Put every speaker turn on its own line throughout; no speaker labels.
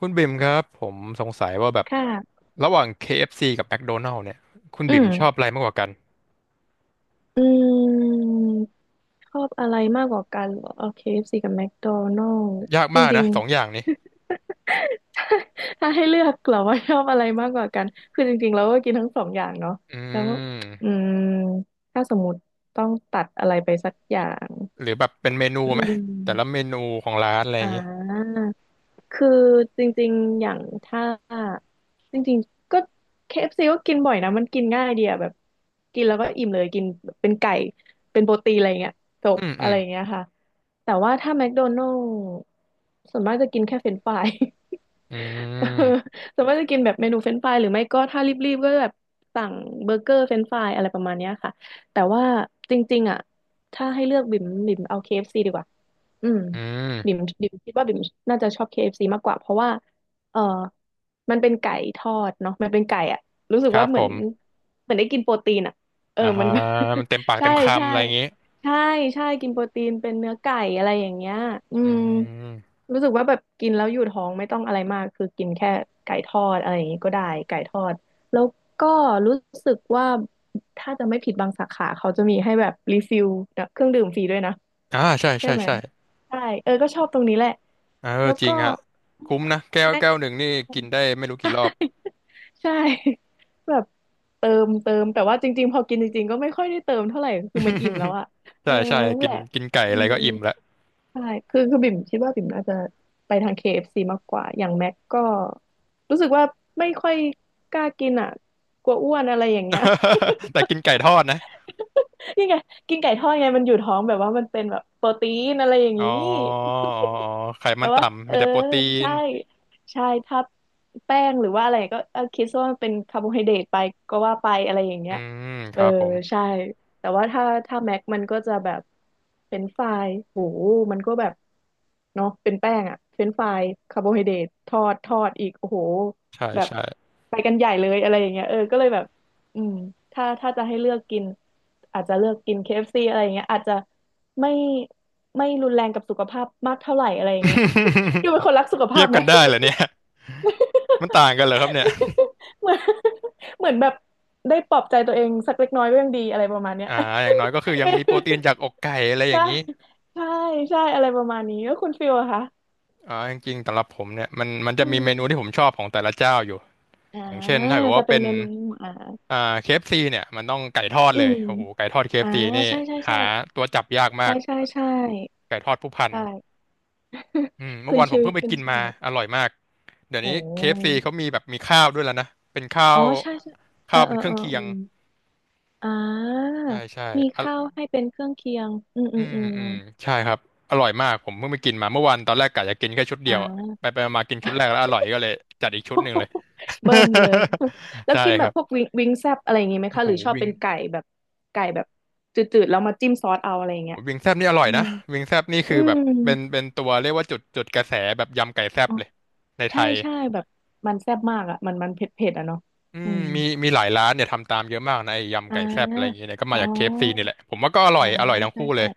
คุณบิ่มครับผมสงสัยว่าแบบ
ค่ะ
ระหว่าง KFC กับ McDonald's เนี่ยคุณ
อื
บิ่มชอบ
ม
อะไรมากกว่ากัน
อืม ชอบอะไรมากกว่ากันเหรอโอเค KFC กับแม d โดนัล s
ยาก
จ
มาก
ริ
นะ
ง
สองอ
ๆ
ย่างนี้
ถ้าถ้าให้เลือกเหรอว่าชอบอะไรมากกว่ากัน คือจริงๆเราก็กินทั้งสองอย่างเนาะ
อื
แล้ว อื
ม
ม ถ้าสมมติต้องตัดอะไรไปสักอย่าง
หรือแบบเป็นเมนู
อื
ไหมแต่ละเม
ม
นูของร้านอะไรอ
อ่า
ย่างงี้
คือจริงๆ อย่างถ้าจริงๆ ก็ KFC ก็กินบ่อยนะมันกินง่ายดีอะแบบกินแล้วก็อิ่มเลยกินเป็นไก่เป็นโปรตีนอะไรเงี้ยจบ
อืมอื
อะ
ม
ไรเงี้ยค่ะแต่ว่าถ้าแมคโดนัลด์ส่วนมากจะกินแค่เฟรนช์ฟราย
อื
เออ
ม
ส่วนมากจะกินแบบเมนูเฟรนช์ฟรายหรือไม่ก็ถ้ารีบๆก็แบบสั่งเบอร์เกอร์เฟรนช์ฟรายอะไรประมาณเนี้ยค่ะแต่ว่าจริงๆอ่ะถ้าให้เลือกบิ่มบิ่มเอา KFC ดีกว่าอืม
อื
บิ่
ม
มบิ่มคิดว่าบิ่มน่าจะชอบ KFC มากกว่าเพราะว่าเออมันเป็นไก่ทอดเนาะมันเป็นไก่อ่ะรู้สึก
ครั
ว่า
บ
เห
ผ
มือน
ม
เหมือนได้กินโปรตีนอ่ะเออ
อ่า
มัน
มันเต็มปาก
ใช่
เต็มคำ
ใช่
อะไรอย่างงี้
ใช่ใช่กินโปรตีนเป็นเนื้อไก่อะไรอย่างเงี้ยอื
อื
ม
ม
รู้สึกว่าแบบกินแล้วอยู่ท้องไม่ต้องอะไรมากคือกินแค่ไก่ทอดอะไรอย่างงี้ก็ได้ไก่ทอดแล้วก็รู้สึกว่าถ้าจะไม่ผิดบางสาขาเขาจะมีให้แบบรีฟิลเครื่องดื่มฟรีด้วยนะ
อ่าใช่
ใช่
ใช่
ไหม
ใช่
ใช่เออก็ชอบตรงนี้แหละ
เออ
แล้ว
จริ
ก็
งฮะคุ้มนะแก้ว
แม็ก
แก้วหนึ่งนี่กินได้ไม่รู้กี่รอบ
ใช่ แบบเติมแต่ว่าจริงๆพอกินจริงๆก็ไม่ค่อยได้เติมเท่าไหร่คือมันอิ่มแล้วอะ เออ
ใช่ใช่
นั่น
กิ
แห
น
ละ
กินไก่
อื
อะไร
ม
ก็อิ่มแล้ว
ใช่คือบิ่มคิดว่าบิ่มน่าจะไปทางเคเอฟ f ีมากกว่าอย่างแม็กก็รู้สึกว่าไม่ค่อยกล้ากินอะกลัวอ้วนอะไรอย่างเงี้ย
แต่กินไก่ทอดนะ
นี่ไงกินไก่ทอดไงมันอยู่ท้องแบบว่ามันเป็นแบบโปรตีนอะไรอย่าง
อ๋อ
นี้
อ๋อไข
แล้
มัน
วว่า
ต่ำ
เอ
มี
อ
แต่โปรตีน
ใช่ใช่ถ้าแป้งหรือว่าอะไรก็เออคิดซะว่ามันเป็นคาร์โบไฮเดรตไปก็ว่าไปอะไรอย่างเงี้
อื
ย
มค
เออ
รับผม
ใช่แต่ว่าถ้าแม็กมันก็จะแบบเป็นไฟรายโหมันก็แบบเนาะเป็นแป้งอะเป็นไฟรายคาร์โบไฮเดรตทอดอีกโอ้โห
ใช่
แบบ
ใช่
ไปกันใหญ่เลยอะไรอย่างเงี้ยเออก็เลยแบบอืมถ้าจะให้เลือกกินอาจจะเลือกกิน KFC อฟซีอะไรอย่างเงี้ยอาจจะ ไม่ไม่รุนแรงกับสุขภาพมากเท่าไหร่อะไรอย่างเงี้ย ดูเป็นค นรักสุข
เที
ภา
ย
พ
บ
ไหม
กันได้เหรอเนี่ยมันต่างกันเหรอครับเนี่ย
เหมือนเหมือนแบบได้ปลอบใจตัวเองสักเล็กน้อยก็ยังดีอะไรประมาณเนี้ย
อ่าอย่างน้อยก็คือ ยัง
ไม่
มีโปรตีนจากอกไก่อะไรอย่า
ใช่
งนี้
ใช่ใช่อะไรประมาณนี้แล้วคุณฟิลอะคะ
จริงๆสำหรับผมเนี่ยมันจะ
อื
มี
ม
เมนูที่ผมชอบของแต่ละเจ้าอยู่
อ่า
อย่างเช่นถ้าเกิด
จะ
ว่า
เป็น
เป็น
เมนูอ่า
อ่าเคเอฟซ c เนี่ยมันต้องไก่ทอด
อื
เลย
ม
โอ้โหไก่ทอดเคเอ
อ่า
ฟซีนี่
ใช่ใช่
หา
ใช่
ตัวจับยากมา
ใช่
ก
ใช่ใช่
ไก่ทอดผู้พัน
ใช่
อืมเมื่อ
ขึ้น
วานผม
ชื่อ
เพิ่งไป
ขึ้น
กินมา
ชื่อ
อร่อยมากเดี๋ยว
โอ
นี้เคเอฟซี
้
เขามีแบบมีข้าวด้วยแล้วนะเป็นข้า
อ๋อ
ว
ใช่ใช่เออ
ข้าว
เอ
เป็น
อ
เครื่
เอ
อง
อ
เคี
เอ
ย
อ
ง
อ่า
ใช่ใช่
มีข้าว
อะ
ให้เป็นเครื่องเคียงอืมอื
อื
ม
ม
อื
อื
ม
มใช่ครับอร่อยมากผมเพิ่งไปกินมาเมื่อวานตอนแรกกะจะกินแค่ชุดเดี
อ่
ยวอะไป
า
ไปมากินชุดแรกแล้วอร่อยก็เลยจัดอีกชุดหนึ่งเลย
เบิ้ลเลย แล้ว
ใช่
กิน
ค
แบบ
รั
พว
บ
กวิงวิงแซบอะไรอย่างงี้ไหม
โอ้
คะ
โห
หรือชอบ
วิง
เป็นไก่แบบไก่แบบจืดๆแล้วมาจิ้มซอสเอาอะไรอย่าง
โอ้
เงี้ย
โหวิงแซบนี่อร่อ
อื
ย
ม
นะวิงแซบนี่คื
อื
อแบบ
ม
เป็นตัวเรียกว่าจุดกระแสแบบยำไก่แซบ
อ๋อ
เลยในไท
ใช่
ย
ใช่แบบมันแซ่บมากอ่ะมันมันเผ็ดเผ็ดอ่ะเนาะ
อื
อื
ม
ม
มีหลายร้านเนี่ยทำตามเยอะมากนะไอ้ยำ
อ่า
ไก่แซ่บอะไรอย่างเงี้ยเนี่ยก็
อ๋
มา
อ
จาก KFC นี่แหละผมว่าก็อร่
อ๋
อ
อ
ยอร่อยทั้ง
ใช่
คู่เล
ใช่
ย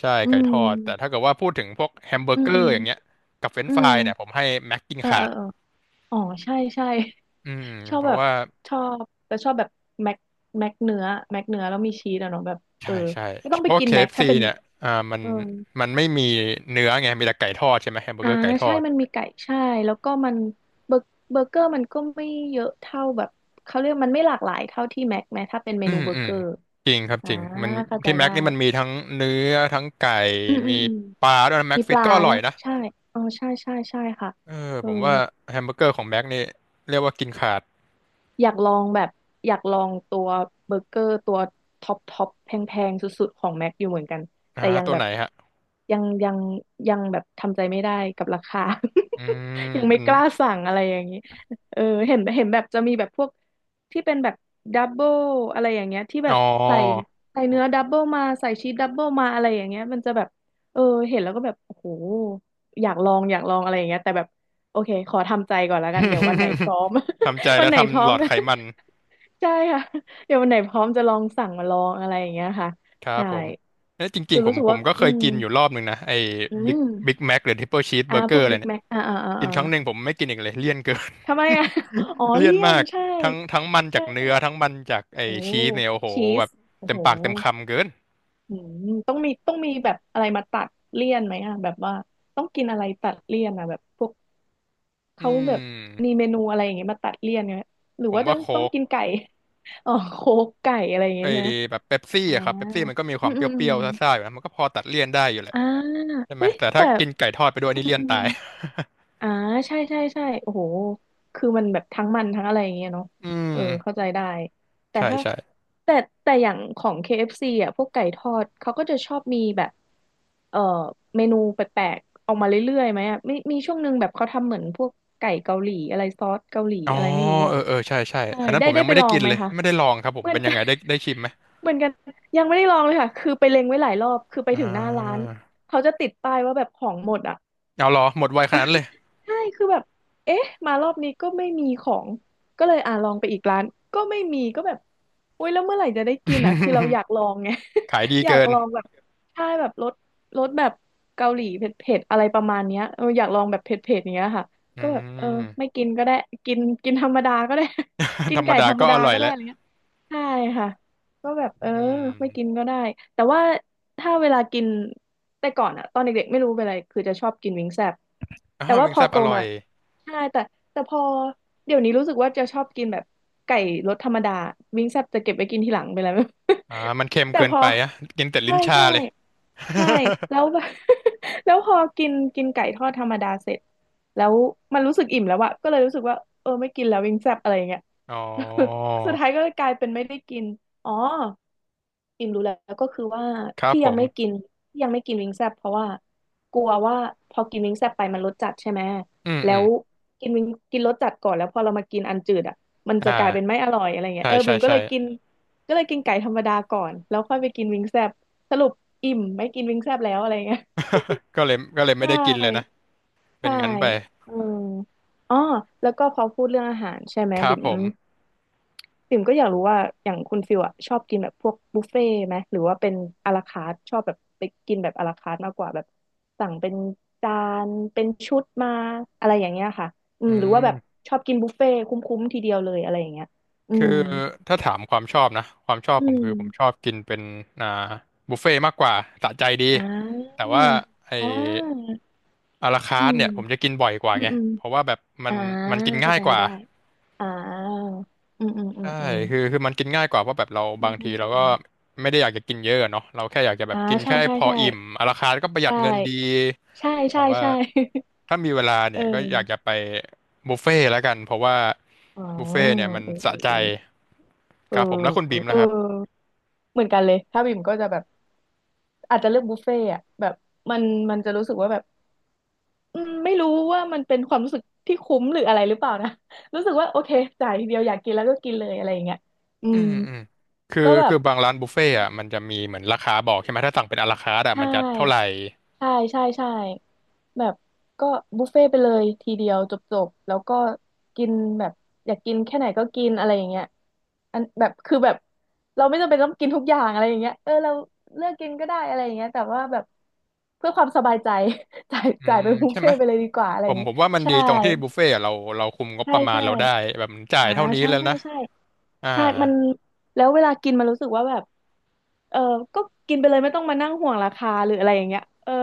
ใช่
อื
ไก่ท
ม
อดแต่ถ้าเกิดว่าพูดถึงพวกแฮมเบอ
อื
ร์เก
ม
อ
อื
ร์
ม
อย่างเงี้ยกับเฟรน
อื
ช์ฟรา
ม
ยเนี่ยผมให้แม็กกิน
เออ
ขา
เออ
ด
เอออ๋อใช่ใช่
อืม
ชอบ
เพ
แบ
ราะ
บ
ว่า
ชอบแต่ชอบแบบแม็กแม็กเนื้อแม็กเนื้อแล้วมีชีสอะเนาะแบบเออ
ใช่ใช่
ก็ต้อง
เพ
ไป
ราะว่า
กินแม็ก
KFC
ถ้า
เอฟ
เป็
ซี
น
เนี่ยมัน
เออ
ไม่มีเนื้อไงมีแต่ไก่ทอดใช่ไหมแฮมเบอร์
อ่า
เกอร์ไก่ท
ใช่
อด
มันมีไก่ใช่แล้วก็มันเบอร์เบอร์เกอร์มันก็ไม่เยอะเท่าแบบเขาเรียกมันไม่หลากหลายเท่าที่แม็กไหมถ้าเป็นเม
อื
นู
ม
เบอร์
อื
เก
ม
อร์
จริงครับ
อ่า
จริงมัน
เข้าใจ
ที่แม็
ได้
กนี่มันมีทั้งเนื้อทั้งไก่
อืมอื
มี
มอืม
ปลาด้วยนะแม็
มี
ก
ป
ฟิต
ลา
ก็อร่อย
นะ
นะ
ใช่อ๋อใช่ใช่ใช่ค่ะ
เออ
เอ
ผ
อ
มว่าแฮมเบอร์เกอร์ของแบ็กนี่เรียกว่ากินขาด
อยากลองแบบอยากลองตัวเบอร์เกอร์ตัวท็อปแพงๆสุดๆของแม็กอยู่เหมือนกัน
อ่า
แต่ยัง
ตัว
แบ
ไห
บ
นฮะ
ยังยังยังแบบทำใจไม่ได้กับราคา
อืม
ยัง
เป็
ไม่
น
กล้าสั่งอะไรอย่างนี้เออเห็นแบบจะมีแบบพวกที่เป็นแบบดับเบิลอะไรอย่างเงี้ยที่แบ
อ๋อ
บใส่ใส่เนื้อดับเบิลมาใส่ชีสดับเบิลมาอะไรอย่างเงี้ยมันจะแบบเออเห็นแล้วก็แบบโอ้โหอยากลองอะไรอย่างเงี้ยแต่แบบโอเคขอทำใจก่อนแล้วกันเดี๋ยววันไหนพร้อม
ทำใจ
วั
แล้
น
ว
ไหนพร้
ทำ
อ
หล
ม
อด
นะ
ไขมัน
ใช่ค่ะเดี๋ยววันไหนพร้อมจะลองสั่งมาลองอะไรอย่างเงี้ยค่ะ
ครับ
ใช่
ผมเอ้ยจริ
คื
ง
อ
ๆผ
รู้
ม
สึก
ผ
ว่า
มก็เค
อื
ย
ม
กินอยู่รอบหนึ่งนะไอ้
อื
บิ๊ก
ม
บิ๊กแม็กหรือทริปเปิลชีส
อ่า
เบอร์เก
พ
อ
วก
ร์อะไร
บิ๊ก
เนี่ย
แม็กอ่าอ่าอ่า
กิน
อ่า
ครั้งหนึ่งผมไม่กินอีกเลยเลี่ยนเกิน
ทำไมอ่ะ อ๋อ
เลี่ยน
เลี่ยน
มาก
ใช่
ทั้งมันจา
ใช่
ก
ใช่
เนื้อทั้งมันจากไอ้
โอ้
ชีสเนี่ยโอ้โห
ชี
แบ
ส
บ
โอ้
เต็ม
โห
ปากเต็มคำเกิน
อืมต้องมีแบบอะไรมาตัดเลี่ยนไหมอ่ะแบบว่าต้องกินอะไรตัดเลี่ยนอ่ะแบบพวก
อื
เขาแบบมี
ม
เมนูอะไรอย่างเงี้ยมาตัดเลี่ยนเนี่ยหรือ
ผม
ว่า
ว่า
ต้
โค้
อง
ก
กินไก่ อ๋อโคกไก่อะไรอย่างเงี้
ไอ้
ยใช่ไหม
แบบเป๊ปซี่
อ่า
อะครับเป๊ปซี่มันก็มีค
อื
วาม
ม
เปร
อืมอื
ี้
ม
ยวๆซ่าๆอยู่นะมันก็พอตัดเลี่ยนได้อยู่แหละ
อ่า
ใช่ไหม
เอ้ย
แต่ถ้า
แต่
กินไก่ทอดไปด้วย
อื
นี่
ม
เลี่ย
อื
นตา
ม
ย
อ่าใช่ใช่ใช่โอ้โหคือมันแบบทั้งมันทั้งอะไรอย่างเงี้ยเนาะ
อืม
เออ เข้าใจได้แต่
ใช่
ถ้า
ใช่
แต่แต่อย่างของ KFC อฟซีอ่ะพวกไก่ทอด เขาก็จะชอบมีแบบเออเมนูแปลกๆออกมาเรื่อยๆไหมอ่ะมีมีช่วงหนึ่งแบบเขาทำเหมือนพวกไก่เกาหลีอะไรซอสเกาหลี
อ๋อ
อะไรไม่รู้
เอ
อ่ะ
อเออใช่ใช่
ใช่
อันนั้น
ได้
ผม
ได้
ยัง
ไป
ไม่ได้
ลอ
กิ
ง
น
ไหม
เลย
คะ
ไม่ได้ลองครับผ
เห
ม
มือ
เป็
น
นยั
กั
งไง
น
ได้ได้ชิมไหม
เหมือนกัน ยังไม่ได้ลองเลยค่ะคือไปเล็งไว้หลายรอบคือไป
อ่
ถึงหน้าร้าน
า
เขาจะติดป้ายว่าแบบของหมดอ่ะ
เอาเหรอหมดไวขนาดนั้นเลย
ใช่คือแบบเอ๊ะมารอบนี้ก็ไม่มีของก็เลยอ่าลองไปอีกร้านก็ไม่มีก็แบบอุ้ยแล้วเมื่อไหร่จะได้กินอ่ะคือเราอยากลองไง
ขายดี
อยาก
เกิน
ลองแบบใช่แบบรสแบบเกาหลีเผ็ดๆอะไรประมาณเนี้ยเอออยากลองแบบเผ็ดๆอย่างเนี้ยค่ะ
อื
ก็แบบเออไม่
ม
กินก็ได้กินกินธรรมดาก็ได้ กิ
ธ
น
รรม
ไก่
ดา
ธรรม
ก็อ
ดา
ร่อย
ก็ได้
แล้ว
อะไรเงี้ย ใช่ค่ะก็แบบเออ
อื
ไม่กิน
ม
ก็ได้แต่ว่าถ้าเวลากินแต่ก่อนอะตอนเด็กๆไม่รู้เป็นอะไรคือจะชอบกินวิงแซบ
อ้า
แต่
ว
ว่า
วิง
พ
แซ
อ
บ
โต
อร่อ
มา
ย
ใช่แต่แต่พอเดี๋ยวนี้รู้สึกว่าจะชอบกินแบบไก่รสธรรมดาวิงแซบจะเก็บไว้กินทีหลังไปแล้ว
อ่ามันเค็ม
แต่
เกิน
พอ
ไปอะกินแต่ลิ้
ใช่
นชา
ใช่
เลย
ใช่แล้วแบบ แล้วพอกินกินไก่ทอดธรรมดาเสร็จแล้วมันรู้สึกอิ่มแล้วอะก็เลยรู้สึกว่าเออไม่กินแล้ววิงแซบอะไรอย่างเงี้ย
อ๋อ
สุดท้ายก็กลายเป็นไม่ได้กินอ๋ออิ่มรู้แล้วก็คือว่า
ครับ
ที่
ผ
ยังไม่กิ
ม
นที่ยังไม่กินวิงแซบเพราะว่ากลัวว่าพอกินวิงแซบไปมันรสจัดใช่ไหม
อืม
แล้
อืม
วกินวิงกินรสจัดก่อนแล้วพอเรามากินอันจืดอ่ะมัน
อ
จะกลายเป็น
่า
ไม่อร่อยอะไรเงี้
ใช่
ยเออ
ใช่
บิ่มก็
ใช่
เลยกินก็เลยกินไก่ธรรมดาก่อนแล้วค่อยไปกินวิงแซบสรุปอิ่มไม่กินวิงแซบแล้วอะไรเงี้ย
ก็เลย
ใช
ไม่ได้กินเลยนะ
่
เป็น
ใช่
งั้นไป
เอออ๋อแล้วก็พอพูดเรื่องอาหารใช่ไหม
ครับ
บิ่ม
ผม
ปิ่มก็อยากรู้ว่าอย่างคุณฟิลอะชอบกินแบบพวกบุฟเฟ่ต์ไหมหรือว่าเป็นอะลาคาร์ทชอบแบบไปกินแบบอะลาคาร์ทมากกว่าแบบสั่งเป็นจานเป็นชุดมาอะไรอย่างเงี้ยค่ะอื
อื
มหรือว่าแบบ
ม
ชอบกินบุฟเฟ่ต์คุ้มๆทีเดียวเลยอะไรอย่างเงี้ยอื
คื
ม
อถ้าถามความชอบนะความชอบ
อื
ผมคือผมชอ
ม
บกินเป็นอ่าบุฟเฟ่ต์มากกว่าสะใจดี
อ่
แต่
า
ว่าไอ
อ่า
อาราคา
อื
ร์ท
ม
เนี่ยผมจะกินบ่อยกว่า
อืม
ไง
อืม
เพราะว่าแบบมัน
อ่า
กิน
เข้า
ง่าย
ใจ
กว่า
ได้อ่าอืมอืมอืม
ใช่
อืม
คือมันกินง่ายกว่าเพราะแบบเรา
อื
บา
ม
ง
อื
ที
ม
เรา
อื
ก็
ม
ไม่ได้อยากจะกินเยอะอะเนาะเราแค่อยากจะแบบ
อ่า
กิน
ใช่
แค่
ใช่
พอ
ใช่
อิ่มอาราลคาร์ทก็ประห
ได
ยัดเงินดี
้ใช่
แต่
ใช่
ว่า
ใช่
ถ้ามีเวลา
เอ
เนี่
อ
ยก็อยากจะไปบุฟเฟ่ต์แล้วกันเพราะว่า
อ๋อ
บุฟเฟ่ต์เนี่ยมัน
เอ
สะใจ
อเอ
ค
อ
รับผมแล้วคุณบีม
เอ
นะ
อ
ครับ
เออเหมือนกันเลยถ้าบิ่มก็จะแบบอาจจะเลือกบุฟเฟ่ต์อะแบบมันมันจะรู้สึกว่าแบบอืมไม่รู้ว่ามันเป็นความรู้สึกที่คุ้มหรืออะไรหรือเปล่านะ รู้สึกว่าโอเคจ่ายทีเดียวอยากกินแล้วก็กินเลยอะไรอย่างเงี้ยอื
อื
ม
มอืมคือ
ก็แบ
คื
บ
อบางร้านบุฟเฟ่ต์อ่ะมันจะมีเหมือนราคาบอกใช่ไหมถ้าสั่งเป็นอะลาคาร์ทอ่ะ
ใช่
มันจะเท่าไหร่
ใช่ใช่ใช่แบบก็บุฟเฟ่ต์ไปเลยทีเดียวจบๆแล้วก็กินแบบอยากกินแค่ไหนก็กินอะไรอย่างเงี้ยอันแบบคือแบบเราไม่จำเป็นต้องกินทุกอย่างอะไรอย่างเงี้ยเออเราเลือกกินก็ได้อะไรอย่างเงี้ยแต่ว่าแบบเพื่อความสบายใจ
อื
จ่าย
ม
เป็นบุฟ
ใช่ไห
เฟ่
ม
ต์ไปเลยดีกว่าอะไร
ผ
อย่า
ม
งงี้
ผมว่ามัน
ใช่
ดีตรงที่บุฟเฟ่ต์อะเราคุมงบ
ใช่
ประมาณ
ใช่
เราได้แบบจ่า
อ่า
ยเท่านี้
ใช่
แล้ว
ใช่
นะ
ใช่
อ่า
ใช่มันแล้วเวลากินมันรู้สึกว่าแบบ เออก็กินไปเลยไม่ต้องมานั่งห่วงราคาหรืออะไรอย่างเงี้ยเออ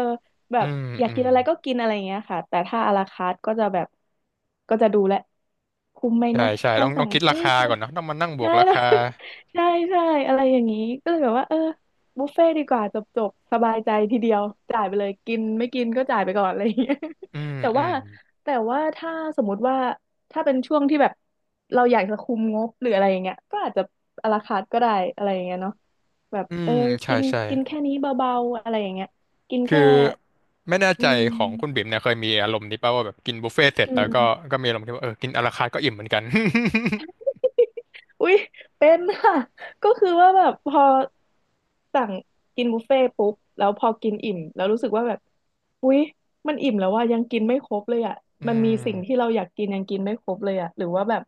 แบ
อื
บ
ม
อยาก
อื
กิ
ม
นอะไรก็กินอะไรอย่างเงี้ยค่ะแต่ถ้าอาราคาร์ทก็จะแบบก็จะดูแลคุ้มไหม
ใช่
นะ
ใช่
ถ้า
ต้อง
สั่ง
คิดรา
เอ้ย
คา
จะ
ก่อนเนอะต้องมานั่งบว
ใช่
กรา
แล้ว
คา
ใช่ใช่อะไรอย่างงี้ก็เลยแบบว่าเออบุฟเฟ่ต์ดีกว่าจบจบสบายใจทีเดียวจ่ายไปเลยกินไม่กินก็จ่ายไปก่อนอะไรอย่างเงี้ย
อืม
แต่
อื
ว่า
ม
ถ้าสมมุติว่าถ้าเป็นช่วงที่แบบเราอยากจะคุมงบหรืออะไรอย่างเงี้ยก็อาจจะอาราคาร์ทก็ได้อะไรอย่างเงี้ยเนาะ แบบ
อื
เออ
มใช่
กิน
ใช่
กินแค่นี้เบาๆ อะไรอย่างเงี้ยกิน
คื
แค่
อไม่แน่
อื
ใจของคุณ
ม
บิ่มเนี่ยเคยมีอารมณ์นี้ป่ะว่าแบบกินบุฟเฟ่ต์เสร็จ
อื
แล้วก็
ม
ก็มีอารมณ์ที่ว่าเออกินอะลาคาร์ทก็อิ่มเหมือนกัน
อุ๊ยเป็นค่ะก็คือว่าแบบพอสั่งกินบุฟเฟ่ต์ปุ๊บแล้วพอกินอิ่มแล้วรู้สึกว่าแบบอุ๊ยมันอิ่มแล้วว่ายังกินไม่ครบเลยอ่ะ
อื
มันมี
ม
สิ่งที่เราอยากกินยังกินไม่ครบเลยอ่ะหรือว่าแบบ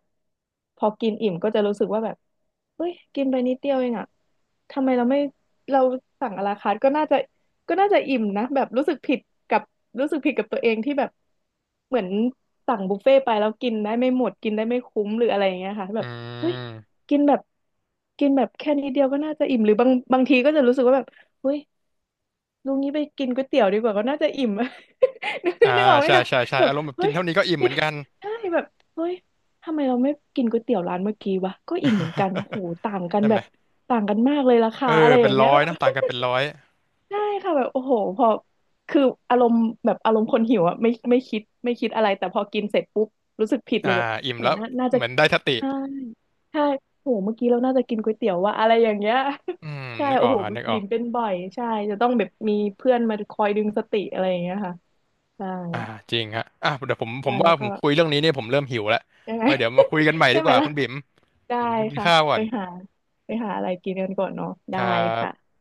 พอกินอิ่มก็จะรู้สึกว่าแบบเฮ้ยกินไปนิดเดียวเองอ่ะทำไมเราไม่เราสั่งอะลาคาร์ทก็น่าจะก็น่าจะอิ่มนะแบบรู้สึกผิดกับรู้สึกผิดกับตัวเองที่แบบเหมือนสั่งบุฟเฟ่ต์ไปแล้วกินได้ไม่หมดกินได้ไม่คุ้มหรืออะไรอย่างเงี้ยค่ะแบ
อื
บเฮ้ย
ม
กินแบบแค่นิดเดียวก็น่าจะอิ่มหรือบางทีก็จะรู้สึกว่าแบบเฮ้ยลุงนี้ไปกินก๋วยเตี๋ยวดีกว่าก็น่าจะอิ่ม
อ่า
นึกออกไหม
ใช่
คะ
ใช่ใช่
แบบ
อารมณ์แบบ
เฮ้
กิน
ย
เท่านี้ก็อิ่มเห
กิ
มื
น
อนกัน
ใช่แบบเฮ้ยทำไมเราไม่กินก๋วยเตี๋ยวร้านเมื่อกี้วะก็อิ่มเหมือนกันโหต่างกัน
ใช่
แบ
ไหม
บต่างกันมากเลยรา
เอ
คา
อ
อะไรอ
เป็น
ย่าง
ร้
เงี้
อ
ย
ย
แบบ
นะต่างกันเป็นร้อย
ใช่ค่ะแบบโอ้โหพอคืออารมณ์แบบอารมณ์คนหิวอะไม่ไม่คิดอะไรแต่พอกินเสร็จปุ๊บรู้สึกผิด
อ่า
เลยแบบ
อิ่ม
โอ้โห
แล้ว
น่าน่าจะ
เหมือนได้สติ
ใช่ใช่โอ้โหเมื่อกี้เราน่าจะกินก๋วยเตี๋ยวว่าอะไรอย่างเงี้ย
อืม
ใช่
นึกอ
โอ้
อก
โห
ฮะนึกออ
บิ่
ก
มเป็นบ่อยใช่จะต้องแบบมีเพื่อนมาคอยดึงสติอะไรอย่างเงี้ยค่ะใช่
อ่าจริงฮะอ่ะเดี๋ยวผม
มาแล้
ว่า
ว
ผ
ก็
มคุยเรื่องนี้เนี่ยผมเริ่มหิวแล้ว
ใช่ไหม
ไว้เดี๋ยวมาคุยกันใหม่
ใช่
ดี
ไห
ก
ม
ว่า
ล่ะ
คุณบิ่ม
ได้
ผมไปกิน
ค่ะ
ข้าวก่อ
ไป
น
หาอะไรกินกันก่อนเนาะ
ค
ได้
รับ
ค่ะ